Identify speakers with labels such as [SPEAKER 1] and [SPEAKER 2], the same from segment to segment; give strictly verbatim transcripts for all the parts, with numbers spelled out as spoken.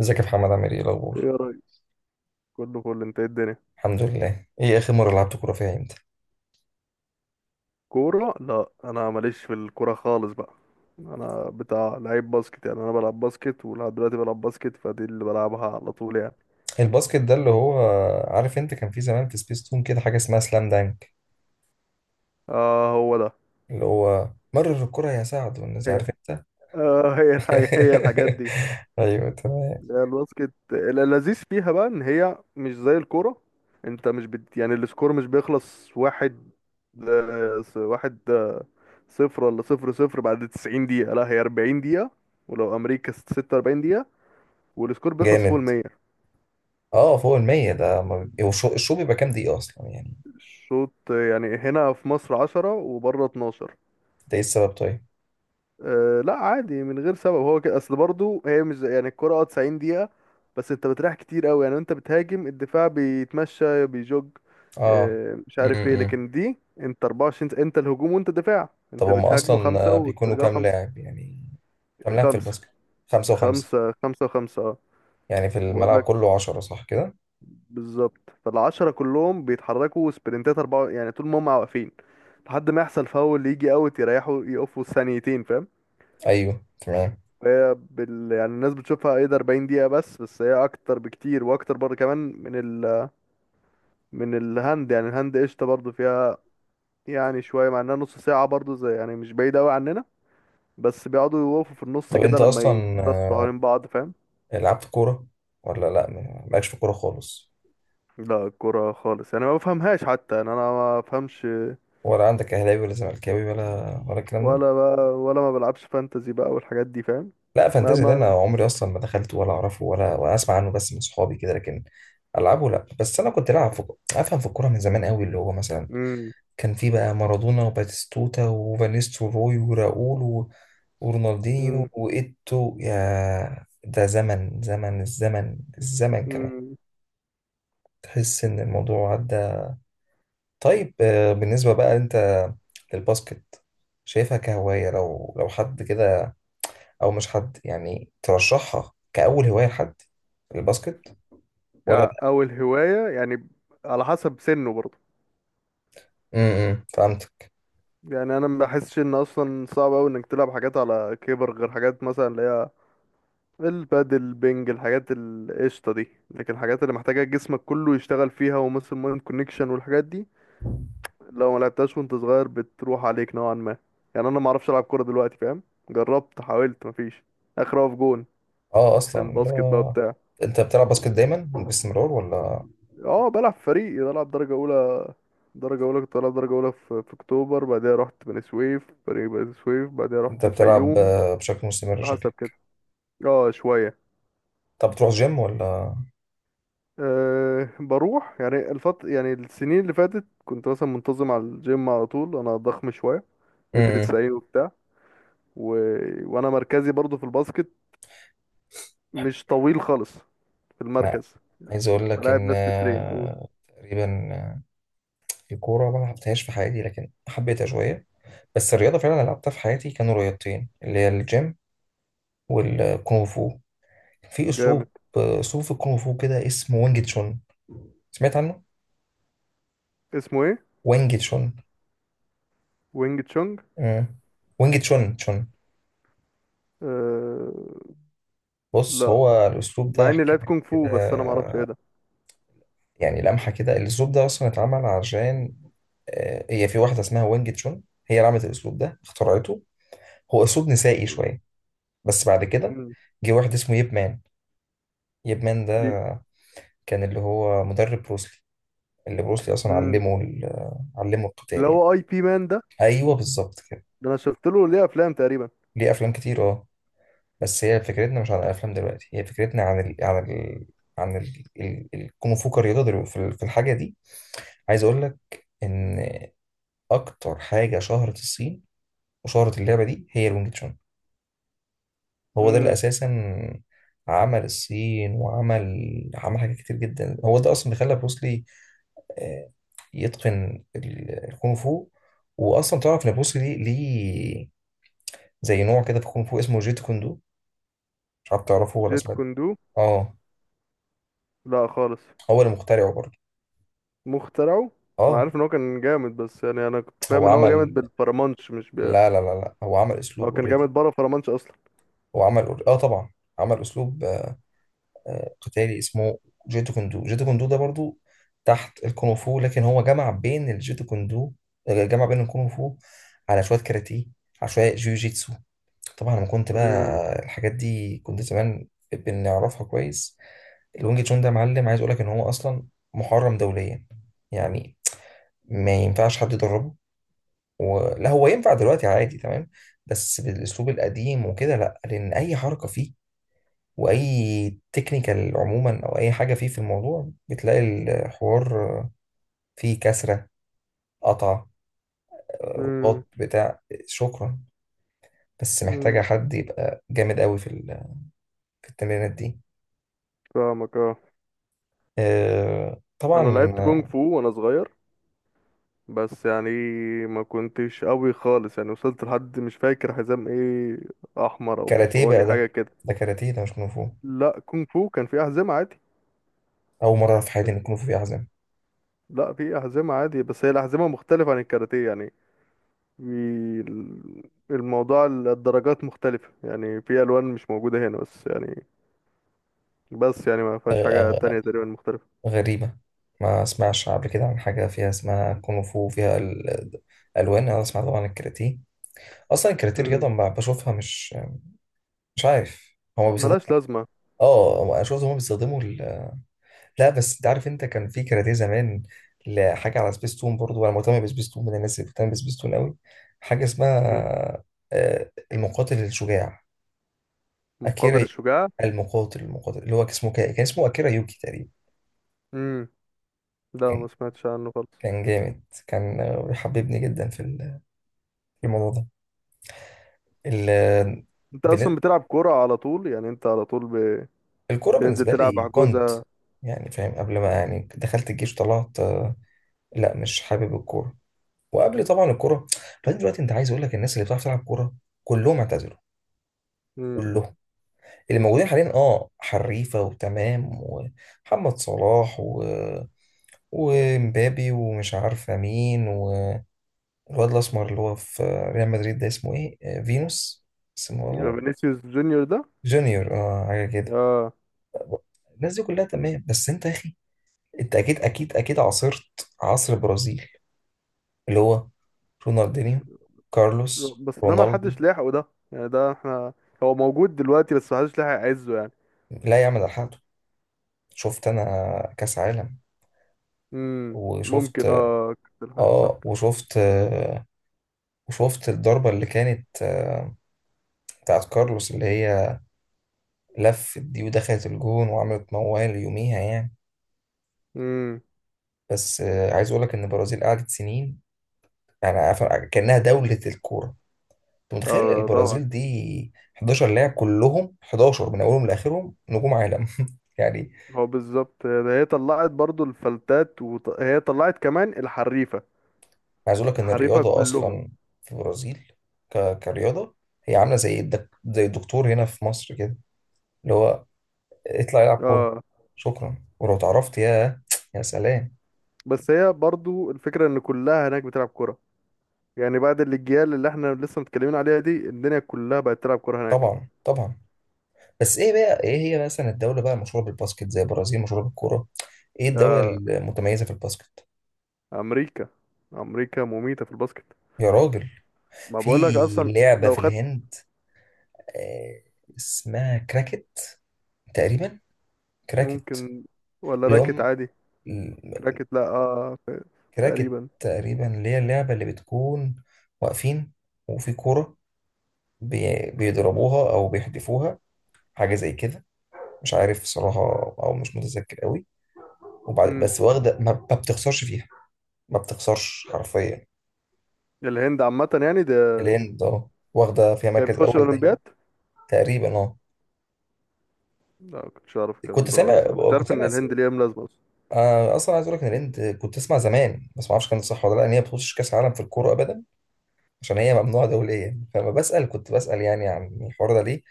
[SPEAKER 1] ازيك يا محمد؟ عامل ايه؟ إيه
[SPEAKER 2] ايه
[SPEAKER 1] الاخبار؟
[SPEAKER 2] يا ريس. كله فل، انت ايه الدنيا؟
[SPEAKER 1] الحمد لله. ايه اخر مره لعبت كوره فيها؟ امتى
[SPEAKER 2] كورة؟ لا انا ماليش في الكورة خالص بقى. انا بتاع لعيب باسكت، يعني انا بلعب باسكت ولحد دلوقتي بلعب باسكت، فدي اللي بلعبها على طول يعني.
[SPEAKER 1] الباسكت ده اللي هو، عارف انت، كان في زمان في سبيس تون كده حاجه اسمها سلام دانك،
[SPEAKER 2] اه هو ده.
[SPEAKER 1] اللي هو مرر الكره يا سعد والناس،
[SPEAKER 2] هي
[SPEAKER 1] عارف انت.
[SPEAKER 2] آه هي الحاجة هي الحاجات دي.
[SPEAKER 1] ايوه تمام.
[SPEAKER 2] لا، الباسكت اللذيذ فيها بقى ان هي مش زي الكورة. انت مش بت... يعني السكور مش بيخلص واحد آه، س- واحد آه، صفر، ولا صفر صفر، بعد 90 دقيقة. لا هي 40 دقيقة، ولو امريكا 46 دقيقة، والسكور بيخلص فوق
[SPEAKER 1] جامد.
[SPEAKER 2] المية.
[SPEAKER 1] اه فوق المية ده ما بي- هو الشو الشو بيبقى كام دقيقه اصلا يعني؟
[SPEAKER 2] الشوط يعني هنا في مصر عشرة وبره اتناشر.
[SPEAKER 1] ده ايه السبب طيب؟
[SPEAKER 2] أه لا عادي من غير سبب، هو كده اصل. برضه هي مش زي- يعني الكرة اه 90 دقيقة، بس انت بتريح كتير قوي. يعني انت بتهاجم، الدفاع بيتمشى بيجوج.
[SPEAKER 1] اه.
[SPEAKER 2] أه مش عارف ايه،
[SPEAKER 1] امم
[SPEAKER 2] لكن دي انت أربعة وعشرين س- انت الهجوم وانت الدفاع،
[SPEAKER 1] طب
[SPEAKER 2] انت
[SPEAKER 1] هم
[SPEAKER 2] بتهاجمه خمسة
[SPEAKER 1] اصلا بيكونوا
[SPEAKER 2] وترجعوا
[SPEAKER 1] كام
[SPEAKER 2] خمسة.
[SPEAKER 1] لاعب يعني؟ كام لاعب في
[SPEAKER 2] خمسة،
[SPEAKER 1] الباسكت؟ خمسة وخمسة
[SPEAKER 2] خمسة خمسة وخمسة اه.
[SPEAKER 1] يعني في
[SPEAKER 2] بقول
[SPEAKER 1] الملعب
[SPEAKER 2] لك،
[SPEAKER 1] كله عشرة، صح كده؟
[SPEAKER 2] بالظبط فالعشرة كلهم بيتحركوا سبرنتات أربعة، يعني طول ما هم واقفين لحد ما يحصل فاول يجي اوت، يريحوا يقفوا ثانيتين، فاهم.
[SPEAKER 1] ايوه تمام.
[SPEAKER 2] هي بال... يعني الناس بتشوفها ايه ده 40 دقيقة، بس بس هي اكتر بكتير، واكتر برضه كمان من ال... من الهند. يعني الهند قشطة برضه فيها، يعني شوية، مع انها نص ساعة برضه، زي يعني مش بعيدة اوي عننا. بس بيقعدوا يوقفوا في النص
[SPEAKER 1] طب
[SPEAKER 2] كده
[SPEAKER 1] انت
[SPEAKER 2] لما
[SPEAKER 1] اصلا،
[SPEAKER 2] يبصوا
[SPEAKER 1] آه،
[SPEAKER 2] حوالين بعض، فاهم.
[SPEAKER 1] لعبت كوره ولا لا؟ ما- مالكش في الكوره خالص؟
[SPEAKER 2] لا الكرة خالص يعني ما بفهمهاش حتى، يعني انا ما بفهمش.
[SPEAKER 1] ولا عندك اهلاوي ولا زملكاوي ولا ولا الكلام ده؟
[SPEAKER 2] ولا بقى، ولا ما بلعبش فانتزي بقى والحاجات دي، فاهم.
[SPEAKER 1] لا
[SPEAKER 2] ما
[SPEAKER 1] فانتازي ده انا
[SPEAKER 2] ما
[SPEAKER 1] عمري اصلا ما دخلته ولا اعرفه ولا ولا اسمع عنه، بس من صحابي كده، لكن العبه لا. بس انا كنت العب في، افهم في الكوره من زمان قوي، اللي هو مثلا
[SPEAKER 2] مم.
[SPEAKER 1] كان في بقى مارادونا وباتيستوتا وفانيس روي وراؤول و… ورونالدينيو
[SPEAKER 2] مم.
[SPEAKER 1] وايتو، يا ده زمن، زمن الزمن الزمن كمان.
[SPEAKER 2] مم.
[SPEAKER 1] تحس ان الموضوع عدى. طيب آه، بالنسبة بقى انت للباسكت، شايفها كهواية لو لو حد كده، او مش حد يعني، ترشحها كأول هواية لحد الباسكت ولا
[SPEAKER 2] يعني
[SPEAKER 1] لا؟
[SPEAKER 2] اول هواية يعني، على حسب سنه برضه.
[SPEAKER 1] امم فهمتك.
[SPEAKER 2] يعني انا ما بحسش ان اصلا صعب اوي انك تلعب حاجات على كبر، غير حاجات مثلا اللي هي البادل، بينج، الحاجات القشطة دي. لكن الحاجات اللي محتاجة جسمك كله يشتغل فيها، ومثل مايند كونكشن والحاجات دي، لو ما لعبتهاش وانت صغير بتروح عليك نوعا ما. يعني انا ما اعرفش العب كورة دلوقتي فاهم. جربت، حاولت، مفيش. اخر اقف جون.
[SPEAKER 1] اه
[SPEAKER 2] عشان
[SPEAKER 1] اصلا
[SPEAKER 2] الباسكت بقى
[SPEAKER 1] لا.
[SPEAKER 2] بتاع.
[SPEAKER 1] انت بتلعب باسكت دايما باستمرار ولا؟
[SPEAKER 2] اه بلعب فريق، بلعب درجة أولى. درجة أولى كنت بلعب درجة أولى في, في أكتوبر، بعدها رحت بني سويف، فريق بني سويف، بعدها
[SPEAKER 1] انت
[SPEAKER 2] رحت
[SPEAKER 1] بتلعب
[SPEAKER 2] الفيوم.
[SPEAKER 1] آه، بشكل مستمر، شكل؟
[SPEAKER 2] حسب كده. اه شوية.
[SPEAKER 1] طب بتروح جيم ولا؟
[SPEAKER 2] أه بروح يعني الفط، يعني السنين اللي فاتت كنت مثلا منتظم على الجيم على طول، أنا ضخم شوية، متر
[SPEAKER 1] امم
[SPEAKER 2] تسعين وبتاع و... وأنا مركزي برضو في الباسكت، مش طويل خالص، في
[SPEAKER 1] لا.
[SPEAKER 2] المركز،
[SPEAKER 1] عايز اقول لك
[SPEAKER 2] بلاعب
[SPEAKER 1] ان
[SPEAKER 2] ناس بالترين قول.
[SPEAKER 1] آه، تقريبا، آه، الكوره ما لعبتهاش في حياتي، لكن حبيتها شويه. بس الرياضه فعلا اللي لعبتها في حياتي كانوا رياضتين، اللي هي الجيم والكونغ فو. في اسلوب،
[SPEAKER 2] جامد.
[SPEAKER 1] اسلوب في الكونغ فو كده اسمه وانج تشون، سمعت عنه؟
[SPEAKER 2] اسمه ايه؟
[SPEAKER 1] وانج تشون.
[SPEAKER 2] وينج تشونج؟
[SPEAKER 1] مم. وانج تشون تشون
[SPEAKER 2] أه...
[SPEAKER 1] بص
[SPEAKER 2] لا،
[SPEAKER 1] هو الاسلوب
[SPEAKER 2] مع
[SPEAKER 1] ده،
[SPEAKER 2] اني
[SPEAKER 1] احكي
[SPEAKER 2] لعبت
[SPEAKER 1] لك
[SPEAKER 2] كونغ
[SPEAKER 1] كده،
[SPEAKER 2] فو بس انا ما اعرفش ايه ده.
[SPEAKER 1] يعني لمحه كده. الاسلوب ده اصلا اتعمل عشان آه، هي في واحده اسمها وانج تشون، هي اللي عملت الاسلوب ده، اخترعته. هو اسلوب نسائي شويه، بس بعد كده
[SPEAKER 2] امم.
[SPEAKER 1] جه واحد اسمه ييب مان. ييب مان ده
[SPEAKER 2] دي.
[SPEAKER 1] كان اللي هو مدرب بروسلي، اللي بروسلي اصلا
[SPEAKER 2] امم.
[SPEAKER 1] علمه ال- علمه
[SPEAKER 2] اللي
[SPEAKER 1] القتال يعني.
[SPEAKER 2] هو اي بي مان ده؟
[SPEAKER 1] ايوه بالظبط كده.
[SPEAKER 2] ده انا شفت له ليه افلام تقريبا.
[SPEAKER 1] ليه افلام كتير اه. بس هي فكرتنا مش عن الافلام دلوقتي، هي فكرتنا عن ال... عن ال... عن ال... ال... الكونغ فو كرياضه دلوقتي في ال- في الحاجه دي. عايز اقول لك ان اكتر حاجه شهرت الصين وشهرت اللعبه دي هي الونج تشون. هو ده اللي
[SPEAKER 2] امم.
[SPEAKER 1] اساسا عمل الصين وعمل عمل حاجات كتير جدا، هو ده اصلا اللي خلى بروس لي آه، يتقن ال- الكونغ فو. واصلا تعرف ان بروس لي ليه زي نوع كده في الكونغ فو اسمه جيت كوندو، مش عارف، تعرفه ولا
[SPEAKER 2] جيت
[SPEAKER 1] سمعت؟
[SPEAKER 2] كوندو.
[SPEAKER 1] اه.
[SPEAKER 2] لا خالص.
[SPEAKER 1] هو اللي مخترعه برضه.
[SPEAKER 2] مخترعه. انا
[SPEAKER 1] اه.
[SPEAKER 2] عارف ان هو كان جامد، بس يعني انا كنت فاهم
[SPEAKER 1] هو
[SPEAKER 2] ان هو جامد
[SPEAKER 1] عمل
[SPEAKER 2] بالفرمانش مش ب...
[SPEAKER 1] لا لا لا لا، هو عمل
[SPEAKER 2] هو
[SPEAKER 1] اسلوب
[SPEAKER 2] كان جامد
[SPEAKER 1] اوريدي.
[SPEAKER 2] بره فرمانش اصلا.
[SPEAKER 1] هو عمل alre- اه طبعا. عمل اسلوب آه، آه، قتالي اسمه جيتو كوندو. جيتو كوندو ده برضه تحت الكونغ فو، لكن هو جمع بين الجيتو كوندو آه، جمع بين الكونغ فو على شويه كاراتيه، على شويه جيوجيتسو. طبعا لما كنت بقى
[SPEAKER 2] امم.
[SPEAKER 1] الحاجات دي كنت زمان بنعرفها كويس. الونج تشون ده يا معلم، عايز اقول لك ان هو اصلا محرم دوليا، يعني ما ينفعش حد يدربه و… لا هو ينفع دلوقتي عادي تمام، بس بالاسلوب القديم وكده لا، لان اي حركه فيه واي تكنيكال عموما او اي حاجه فيه في الموضوع بتلاقي الحوار فيه كسره، قطع،
[SPEAKER 2] امم.
[SPEAKER 1] رباط، بتاع، شكرا، بس محتاجه
[SPEAKER 2] امم.
[SPEAKER 1] حد يبقى جامد قوي في ال- في التمرينات دي.
[SPEAKER 2] فاهمك اه.
[SPEAKER 1] آه،
[SPEAKER 2] انا لعبت كونغ
[SPEAKER 1] طبعا.
[SPEAKER 2] فو وانا صغير، بس يعني ما كنتش قوي خالص، يعني وصلت لحد مش فاكر حزام ايه، احمر او
[SPEAKER 1] كاراتيه
[SPEAKER 2] برتقاني
[SPEAKER 1] بقى ده.
[SPEAKER 2] حاجه كده.
[SPEAKER 1] ده كاراتيه ده، مش كونغ فو.
[SPEAKER 2] لا كونغ فو كان في أحزمة عادي.
[SPEAKER 1] اول مره في حياتي ان الكونغ فو فيه أحزان!
[SPEAKER 2] لا في أحزمة عادي، بس هي الأحزمة مختلفة عن الكاراتيه يعني. في ال- الموضوع ال- الدرجات مختلفة، يعني في ألوان مش موجودة هنا، بس يعني بس يعني ما فيهاش حاجة تانية تقريبا مختلفة.
[SPEAKER 1] غريبة، ما اسمعش قبل كده عن حاجة فيها اسمها كونغ فو فيها ال- الألوان. أنا اسمع طبعا عن الكاراتيه، أصلا الكاراتيه
[SPEAKER 2] مم.
[SPEAKER 1] رياضة ما بشوفها، مش مش عارف هما
[SPEAKER 2] ملهاش
[SPEAKER 1] بيستخدموا.
[SPEAKER 2] لازمة.
[SPEAKER 1] اه هما- أنا شفت هما بيستخدموا ال... لا بس أنت عارف، أنت كان في كاراتيه زمان لحاجة على سبيستون، برضو أنا مهتم بسبيستون من الناس اللي بتهتم بسبيستون أوي. حاجة
[SPEAKER 2] مم.
[SPEAKER 1] اسمها آه، المقاتل الشجاع،
[SPEAKER 2] مقاتل
[SPEAKER 1] أكيرا.
[SPEAKER 2] الشجاع.
[SPEAKER 1] المقاتل المقاتل اللي هو اسمه كا- كان اسمه أكيرا يوكي تقريبا.
[SPEAKER 2] مم. لا
[SPEAKER 1] كان،
[SPEAKER 2] ما سمعتش عنه خالص.
[SPEAKER 1] كان جامد، كان آه، بيحببني جدا في ال- في الموضوع ده. ال
[SPEAKER 2] أنت
[SPEAKER 1] بن-
[SPEAKER 2] أصلا بتلعب كورة على طول يعني، أنت على طول
[SPEAKER 1] الكورة
[SPEAKER 2] بتنزل
[SPEAKER 1] بالنسبة
[SPEAKER 2] تلعب
[SPEAKER 1] لي كنت،
[SPEAKER 2] حجوزة؟
[SPEAKER 1] يعني فاهم، قبل ما يعني دخلت الجيش طلعت آه، لا مش حابب الكورة. وقبل طبعا الكورة بعدين دلوقتي، انت عايز اقول لك، الناس اللي بتعرف تلعب كورة كلهم اعتزلوا،
[SPEAKER 2] مم.
[SPEAKER 1] كلهم. اللي موجودين حاليا اه حريفة وتمام، ومحمد صلاح، و ومبابي، ومش عارفة مين، والواد الأسمر اللي هو في ريال مدريد ده اسمه ايه؟ آه، فينوس اسمه والله.
[SPEAKER 2] فينيسيوس جونيور ده.
[SPEAKER 1] جونيور اه، حاجة كده.
[SPEAKER 2] اه.
[SPEAKER 1] الناس دي كلها تمام، بس انت يا اخي، انت اكيد اكيد اكيد عاصرت عصر البرازيل اللي هو رونالدينيو، كارلوس،
[SPEAKER 2] بس ده ما
[SPEAKER 1] رونالدو.
[SPEAKER 2] حدش لاحقه، ده يعني ده احنا، هو موجود دلوقتي بس ما حدش لاحق يعزه يعني.
[SPEAKER 1] لا يعمل على حاله. شفت انا كاس عالم،
[SPEAKER 2] امم
[SPEAKER 1] وشفت
[SPEAKER 2] ممكن اه كده الحاجة صح
[SPEAKER 1] اه،
[SPEAKER 2] كده.
[SPEAKER 1] وشفت آه، وشفت الضربة اللي كانت آه، بتاعت كارلوس، اللي هي لفت دي ودخلت الجون، وعملت موال يوميها يعني.
[SPEAKER 2] امم.
[SPEAKER 1] بس آه، عايز اقول لك ان البرازيل قعدت سنين، يعني عارف- كأنها دولة الكورة. انت متخيل
[SPEAKER 2] اه طبعا.
[SPEAKER 1] البرازيل دي حداشر لاعب، كلهم حداشر من اولهم لاخرهم نجوم عالم! يعني
[SPEAKER 2] هو بالظبط ده، هي طلعت برضو الفلتات، وهي طلعت كمان الحريفة،
[SPEAKER 1] عايز اقول لك ان
[SPEAKER 2] الحريفة
[SPEAKER 1] الرياضه
[SPEAKER 2] كلهم.
[SPEAKER 1] اصلا في البرازيل ك... كرياضه هي عامله زي الدك... زي الدكتور هنا في مصر كده، اللي هو اطلع العب كوره،
[SPEAKER 2] اه.
[SPEAKER 1] شكرا. ولو اتعرفت يا يا سلام!
[SPEAKER 2] بس هي برضو الفكرة ان كلها هناك بتلعب كرة، يعني بعد الاجيال اللي احنا لسه متكلمين عليها دي، الدنيا كلها بقت تلعب كرة هناك.
[SPEAKER 1] طبعا طبعا. بس ايه بقى، ايه هي مثلا الدوله بقى المشهوره بالباسكت زي البرازيل مشهوره بالكوره؟ ايه الدوله
[SPEAKER 2] آه،
[SPEAKER 1] المتميزه في الباسكت؟
[SPEAKER 2] امريكا. امريكا مميتة في الباسكت.
[SPEAKER 1] يا راجل!
[SPEAKER 2] ما
[SPEAKER 1] في
[SPEAKER 2] بقولك اصلا.
[SPEAKER 1] لعبه
[SPEAKER 2] لو
[SPEAKER 1] في
[SPEAKER 2] خدت.
[SPEAKER 1] الهند آه، اسمها كراكت تقريبا، كراكت،
[SPEAKER 2] ممكن. ولا
[SPEAKER 1] اللي
[SPEAKER 2] راكت
[SPEAKER 1] هم،
[SPEAKER 2] عادي. راكت؟ لا اه ف-
[SPEAKER 1] كراكت
[SPEAKER 2] تقريبا.
[SPEAKER 1] تقريبا، اللي هي اللعبة اللي بتكون واقفين وفي كورة بي- بيضربوها أو بيحدفوها، حاجة زي كده، مش عارف صراحة أو مش متذكر قوي. وبعد
[SPEAKER 2] امم.
[SPEAKER 1] بس واخدة، ما ما بتخسرش فيها، ما بتخسرش حرفيا.
[SPEAKER 2] الهند عامة يعني ده.
[SPEAKER 1] الهند اه واخدة فيها
[SPEAKER 2] هي
[SPEAKER 1] مركز
[SPEAKER 2] بتخش
[SPEAKER 1] أول دايما،
[SPEAKER 2] الأولمبياد؟
[SPEAKER 1] تقريبا اه.
[SPEAKER 2] لا ما كنتش أعرف
[SPEAKER 1] كنت
[SPEAKER 2] الكلام ده
[SPEAKER 1] سامع،
[SPEAKER 2] خالص، أنا كنت
[SPEAKER 1] كنت
[SPEAKER 2] عارف إن
[SPEAKER 1] سامع،
[SPEAKER 2] الهند ليها أم لازمة أصلا.
[SPEAKER 1] أنا أصلا عايز أقول لك إن الهند كنت أسمع زمان بس ما أعرفش كان صح ولا لأ، إن هي ما بتخشش كأس عالم في الكورة أبدا عشان هي ممنوعة دوليا. فبسأل، كنت بسأل يعني عن الحوار ده ليه،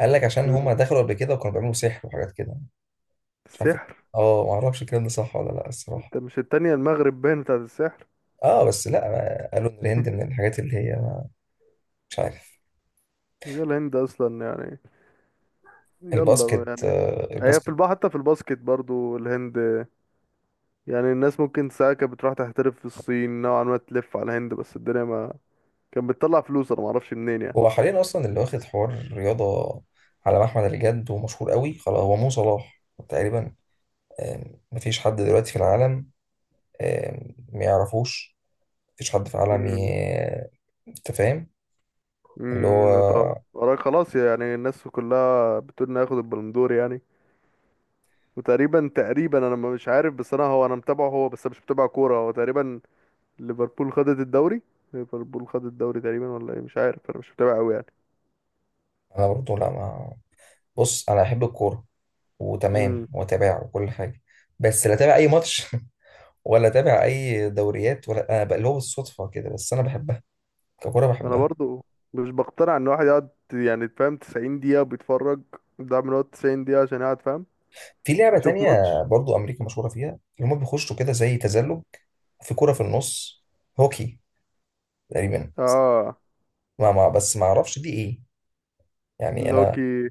[SPEAKER 1] قال لك عشان
[SPEAKER 2] مم.
[SPEAKER 1] هما دخلوا قبل كده وكانوا بيعملوا سحر وحاجات كده، مش عارف.
[SPEAKER 2] السحر.
[SPEAKER 1] اه ما اعرفش الكلام ده صح ولا لا الصراحة.
[SPEAKER 2] أنت مش التانية المغرب باين بتاعت السحر.
[SPEAKER 1] اه بس لا ما- قالوا ان الهند من الحاجات اللي هي، مش عارف.
[SPEAKER 2] هي الهند أصلا يعني يلا بقى
[SPEAKER 1] الباسكت،
[SPEAKER 2] يعني.
[SPEAKER 1] آه،
[SPEAKER 2] هي في
[SPEAKER 1] الباسكت
[SPEAKER 2] البحر حتى في الباسكت برضو الهند. يعني الناس ممكن ساعة كانت بتروح تحترف في الصين نوعا ما تلف على الهند، بس الدنيا ما كانت بتطلع فلوس أنا معرفش منين يعني.
[SPEAKER 1] هو حاليا اصلا اللي واخد حوار رياضة على محمل الجد ومشهور قوي خلاص هو مو صلاح تقريبا. آم، مفيش حد دلوقتي في العالم آم، ما يعرفوش. مفيش حد في العالم
[SPEAKER 2] مم.
[SPEAKER 1] ي- انت فاهم. اللي هو
[SPEAKER 2] امم طبعا وراك خلاص، يعني الناس كلها بتقول انه هياخد البلندور يعني. وتقريبا تقريبا انا ما- مش عارف، بس انا هو انا متابعه، هو بس أنا مش متابع كوره، هو تقريبا ليفربول خدت الدوري. ليفربول خدت الدوري تقريبا ولا ايه مش عارف انا مش متابع قوي يعني.
[SPEAKER 1] انا برضه لا ما بص انا احب الكوره وتمام
[SPEAKER 2] امم.
[SPEAKER 1] واتابعها وكل حاجه، بس لا اتابع اي ماتش ولا اتابع اي دوريات، ولا انا بقى اللي هو بالصدفه كده، بس انا بحبها، ككوره
[SPEAKER 2] انا
[SPEAKER 1] بحبها.
[SPEAKER 2] برضو مش بقتنع ان واحد يقعد يعني فاهم تسعين دقيقة دقيقه بيتفرج. ده من وقت تسعين دقيقة دقيقه عشان يقعد فاهم
[SPEAKER 1] في لعبه
[SPEAKER 2] يشوف
[SPEAKER 1] تانية
[SPEAKER 2] ماتش.
[SPEAKER 1] برضه امريكا مشهوره فيها، اللي هم بيخشوا كده زي تزلج، في كوره في النص، هوكي تقريبا،
[SPEAKER 2] اه.
[SPEAKER 1] ما ما بس ما اعرفش دي ايه. يعني
[SPEAKER 2] اللي هو
[SPEAKER 1] انا
[SPEAKER 2] كي.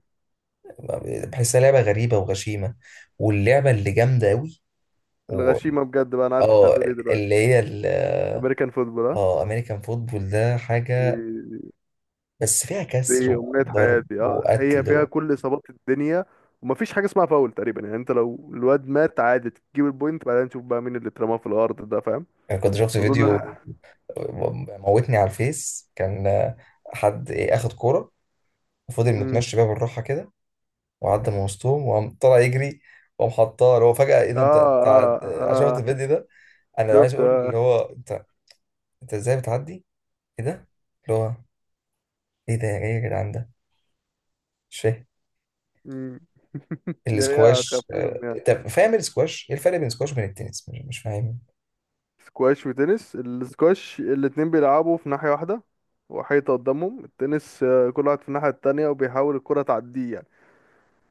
[SPEAKER 1] بحسها لعبه غريبه وغشيمه. واللعبه اللي جامده قوي و…
[SPEAKER 2] الغشيمه بجد بقى، انا عارف انت
[SPEAKER 1] اه
[SPEAKER 2] هتقول ايه
[SPEAKER 1] اللي
[SPEAKER 2] دلوقتي.
[SPEAKER 1] هي ال-
[SPEAKER 2] امريكان فوتبول، ها.
[SPEAKER 1] اه امريكان فوتبول ده حاجه.
[SPEAKER 2] دي
[SPEAKER 1] بس فيها كسر
[SPEAKER 2] دي امنية
[SPEAKER 1] وضرب
[SPEAKER 2] حياتي، اه هي
[SPEAKER 1] وقتل
[SPEAKER 2] فيها
[SPEAKER 1] و…
[SPEAKER 2] كل اصابات الدنيا، ومفيش حاجة اسمها فاول تقريبا. يعني انت لو الواد مات عادي تجيب البوينت، بعدين نشوف بقى مين اللي اترماه في الارض ده، فاهم.
[SPEAKER 1] يعني كنت شفت
[SPEAKER 2] اظن
[SPEAKER 1] فيديو
[SPEAKER 2] الح...
[SPEAKER 1] موتني على الفيس، كان حد، ايه، اخد كورة وفضل
[SPEAKER 2] مم.
[SPEAKER 1] متمشي بيها بالراحة كده، وعدى من وسطهم، وقام طلع يجري، وقام حطها. اللي هو فجأة ايه
[SPEAKER 2] اه
[SPEAKER 1] ده؟ انت انت
[SPEAKER 2] اه
[SPEAKER 1] عد- أنا شفت
[SPEAKER 2] اه.
[SPEAKER 1] الفيديو ده. انا عايز
[SPEAKER 2] شفت
[SPEAKER 1] اقول
[SPEAKER 2] اه.
[SPEAKER 1] اللي هو انت، انت ازاي بتعدي؟ ايه ده! اللي هو ايه ده! ايه يا جدعان ده! مش فاهم.
[SPEAKER 2] مم. هي
[SPEAKER 1] الاسكواش، آه،
[SPEAKER 2] خفلهم يعني.
[SPEAKER 1] طب فاهم الاسكواش، ايه الفرق بين الاسكواش وبين التنس؟ مش مش فاهم.
[SPEAKER 2] سكواش وتنس، السكواش الاتنين بيلعبوا في ناحية واحدة، وحيطة قدامهم. التنس آه، كل واحد في الناحية التانية وبيحاول الكرة تعديه يعني.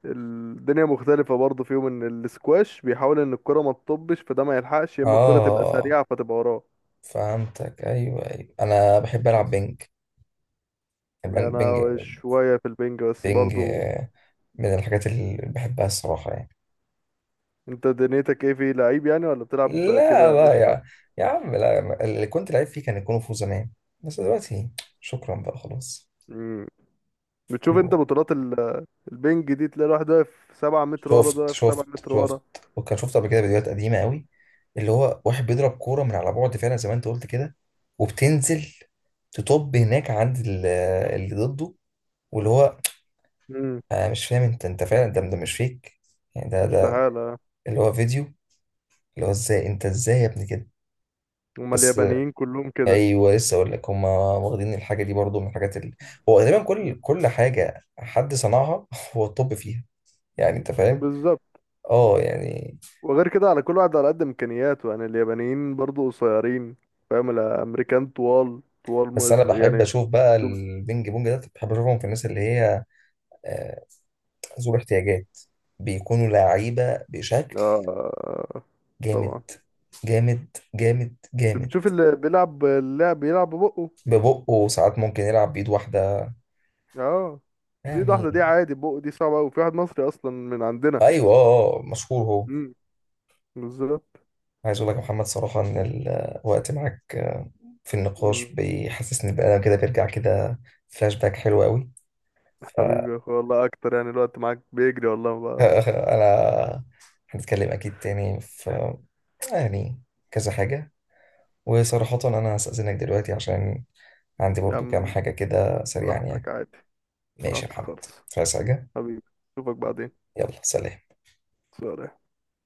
[SPEAKER 2] الدنيا مختلفة برضه فيهم ان السكواش بيحاول ان الكرة ما تطبش فده ما يلحقش، يا اما الكرة تبقى
[SPEAKER 1] اه
[SPEAKER 2] سريعة فتبقى وراه.
[SPEAKER 1] فهمتك ايوه ايوه. انا بحب
[SPEAKER 2] بس
[SPEAKER 1] العب بينج
[SPEAKER 2] يعني
[SPEAKER 1] بينج، بينج,
[SPEAKER 2] انا شوية في البنج بس
[SPEAKER 1] بينج
[SPEAKER 2] برضه.
[SPEAKER 1] آه، من الحاجات اللي بحبها الصراحه يعني.
[SPEAKER 2] انت دنيتك ايه في لعيب يعني، ولا بتلعب
[SPEAKER 1] لا
[SPEAKER 2] كده
[SPEAKER 1] لا
[SPEAKER 2] قشطة؟
[SPEAKER 1] يا يا عم لا ما- اللي كنت لعيب فيه كان الكونغ فو زمان، بس دلوقتي شكرا بقى خلاص.
[SPEAKER 2] مم. بتشوف انت بطولات ال- البنج دي، تلاقي الواحد واقف سبعة متر ورا، ده
[SPEAKER 1] شفت
[SPEAKER 2] واقف سبعة
[SPEAKER 1] شفت
[SPEAKER 2] متر
[SPEAKER 1] شفت
[SPEAKER 2] ورا.
[SPEAKER 1] وكان شفت قبل كده فيديوهات قديمه قوي اللي هو واحد بيضرب كوره من على بعد فعلا زي ما انت قلت كده، وبتنزل تطب هناك عند ال- اللي ضده، واللي هو
[SPEAKER 2] امم.
[SPEAKER 1] انا مش فاهم، انت انت فعلا ده ده مش فيك يعني، ده ده
[SPEAKER 2] تعالى.
[SPEAKER 1] اللي هو فيديو، اللي هو ازاي انت؟ ازاي يا ابني كده؟
[SPEAKER 2] هما
[SPEAKER 1] بس
[SPEAKER 2] اليابانيين كلهم كده.
[SPEAKER 1] ايوه لسه اقول لك، هم واخدين الحاجه دي برضو من الحاجات اللي هو غالبا كل كل حاجه حد صنعها هو الطب فيها، يعني انت فاهم.
[SPEAKER 2] بالظبط.
[SPEAKER 1] اه يعني.
[SPEAKER 2] وغير كده على كل واحد على قد امكانياته، يعني اليابانيين برضو قصيرين فاهم، الامريكان طوال، طوال
[SPEAKER 1] بس انا
[SPEAKER 2] مز يعني
[SPEAKER 1] بحب
[SPEAKER 2] ال-
[SPEAKER 1] اشوف بقى البينج بونج ده، بحب اشوفهم في الناس اللي هي آه، ذو احتياجات، بيكونوا لعيبه بشكل
[SPEAKER 2] اه طبعا.
[SPEAKER 1] جامد، جامد جامد
[SPEAKER 2] شو بتشوف
[SPEAKER 1] جامد
[SPEAKER 2] اللي بيلعب، اللاعب بيلعب ببقه.
[SPEAKER 1] ببقه ساعات ممكن يلعب بايد واحده
[SPEAKER 2] اه. بس ايد
[SPEAKER 1] يعني.
[SPEAKER 2] واحده دي عادي، بقه دي صعبه قوي، في واحد مصري اصلا من عندنا.
[SPEAKER 1] ايوه اه آه، مشهور هو.
[SPEAKER 2] امم. بالظبط.
[SPEAKER 1] عايز اقول لك يا محمد صراحة ان الوقت معاك في النقاش
[SPEAKER 2] مم.
[SPEAKER 1] بيحسسني بقى كده، بيرجع كده فلاش باك حلو قوي.
[SPEAKER 2] حبيبي يا اخويا والله، اكتر يعني الوقت معاك بيجري والله بقى.
[SPEAKER 1] فانا هنتكلم اكيد تاني في يعني كذا حاجة. وصراحة انا هستأذنك دلوقتي عشان عندي
[SPEAKER 2] يا
[SPEAKER 1] برضو كام
[SPEAKER 2] عم
[SPEAKER 1] حاجة كده سريعا
[SPEAKER 2] براحتك
[SPEAKER 1] يعني.
[SPEAKER 2] عادي.
[SPEAKER 1] ماشي يا
[SPEAKER 2] براحتك
[SPEAKER 1] محمد.
[SPEAKER 2] خالص.
[SPEAKER 1] عايز حاجة؟
[SPEAKER 2] حبيبي، اشوفك بعدين.
[SPEAKER 1] يلا سلام.
[SPEAKER 2] سلام.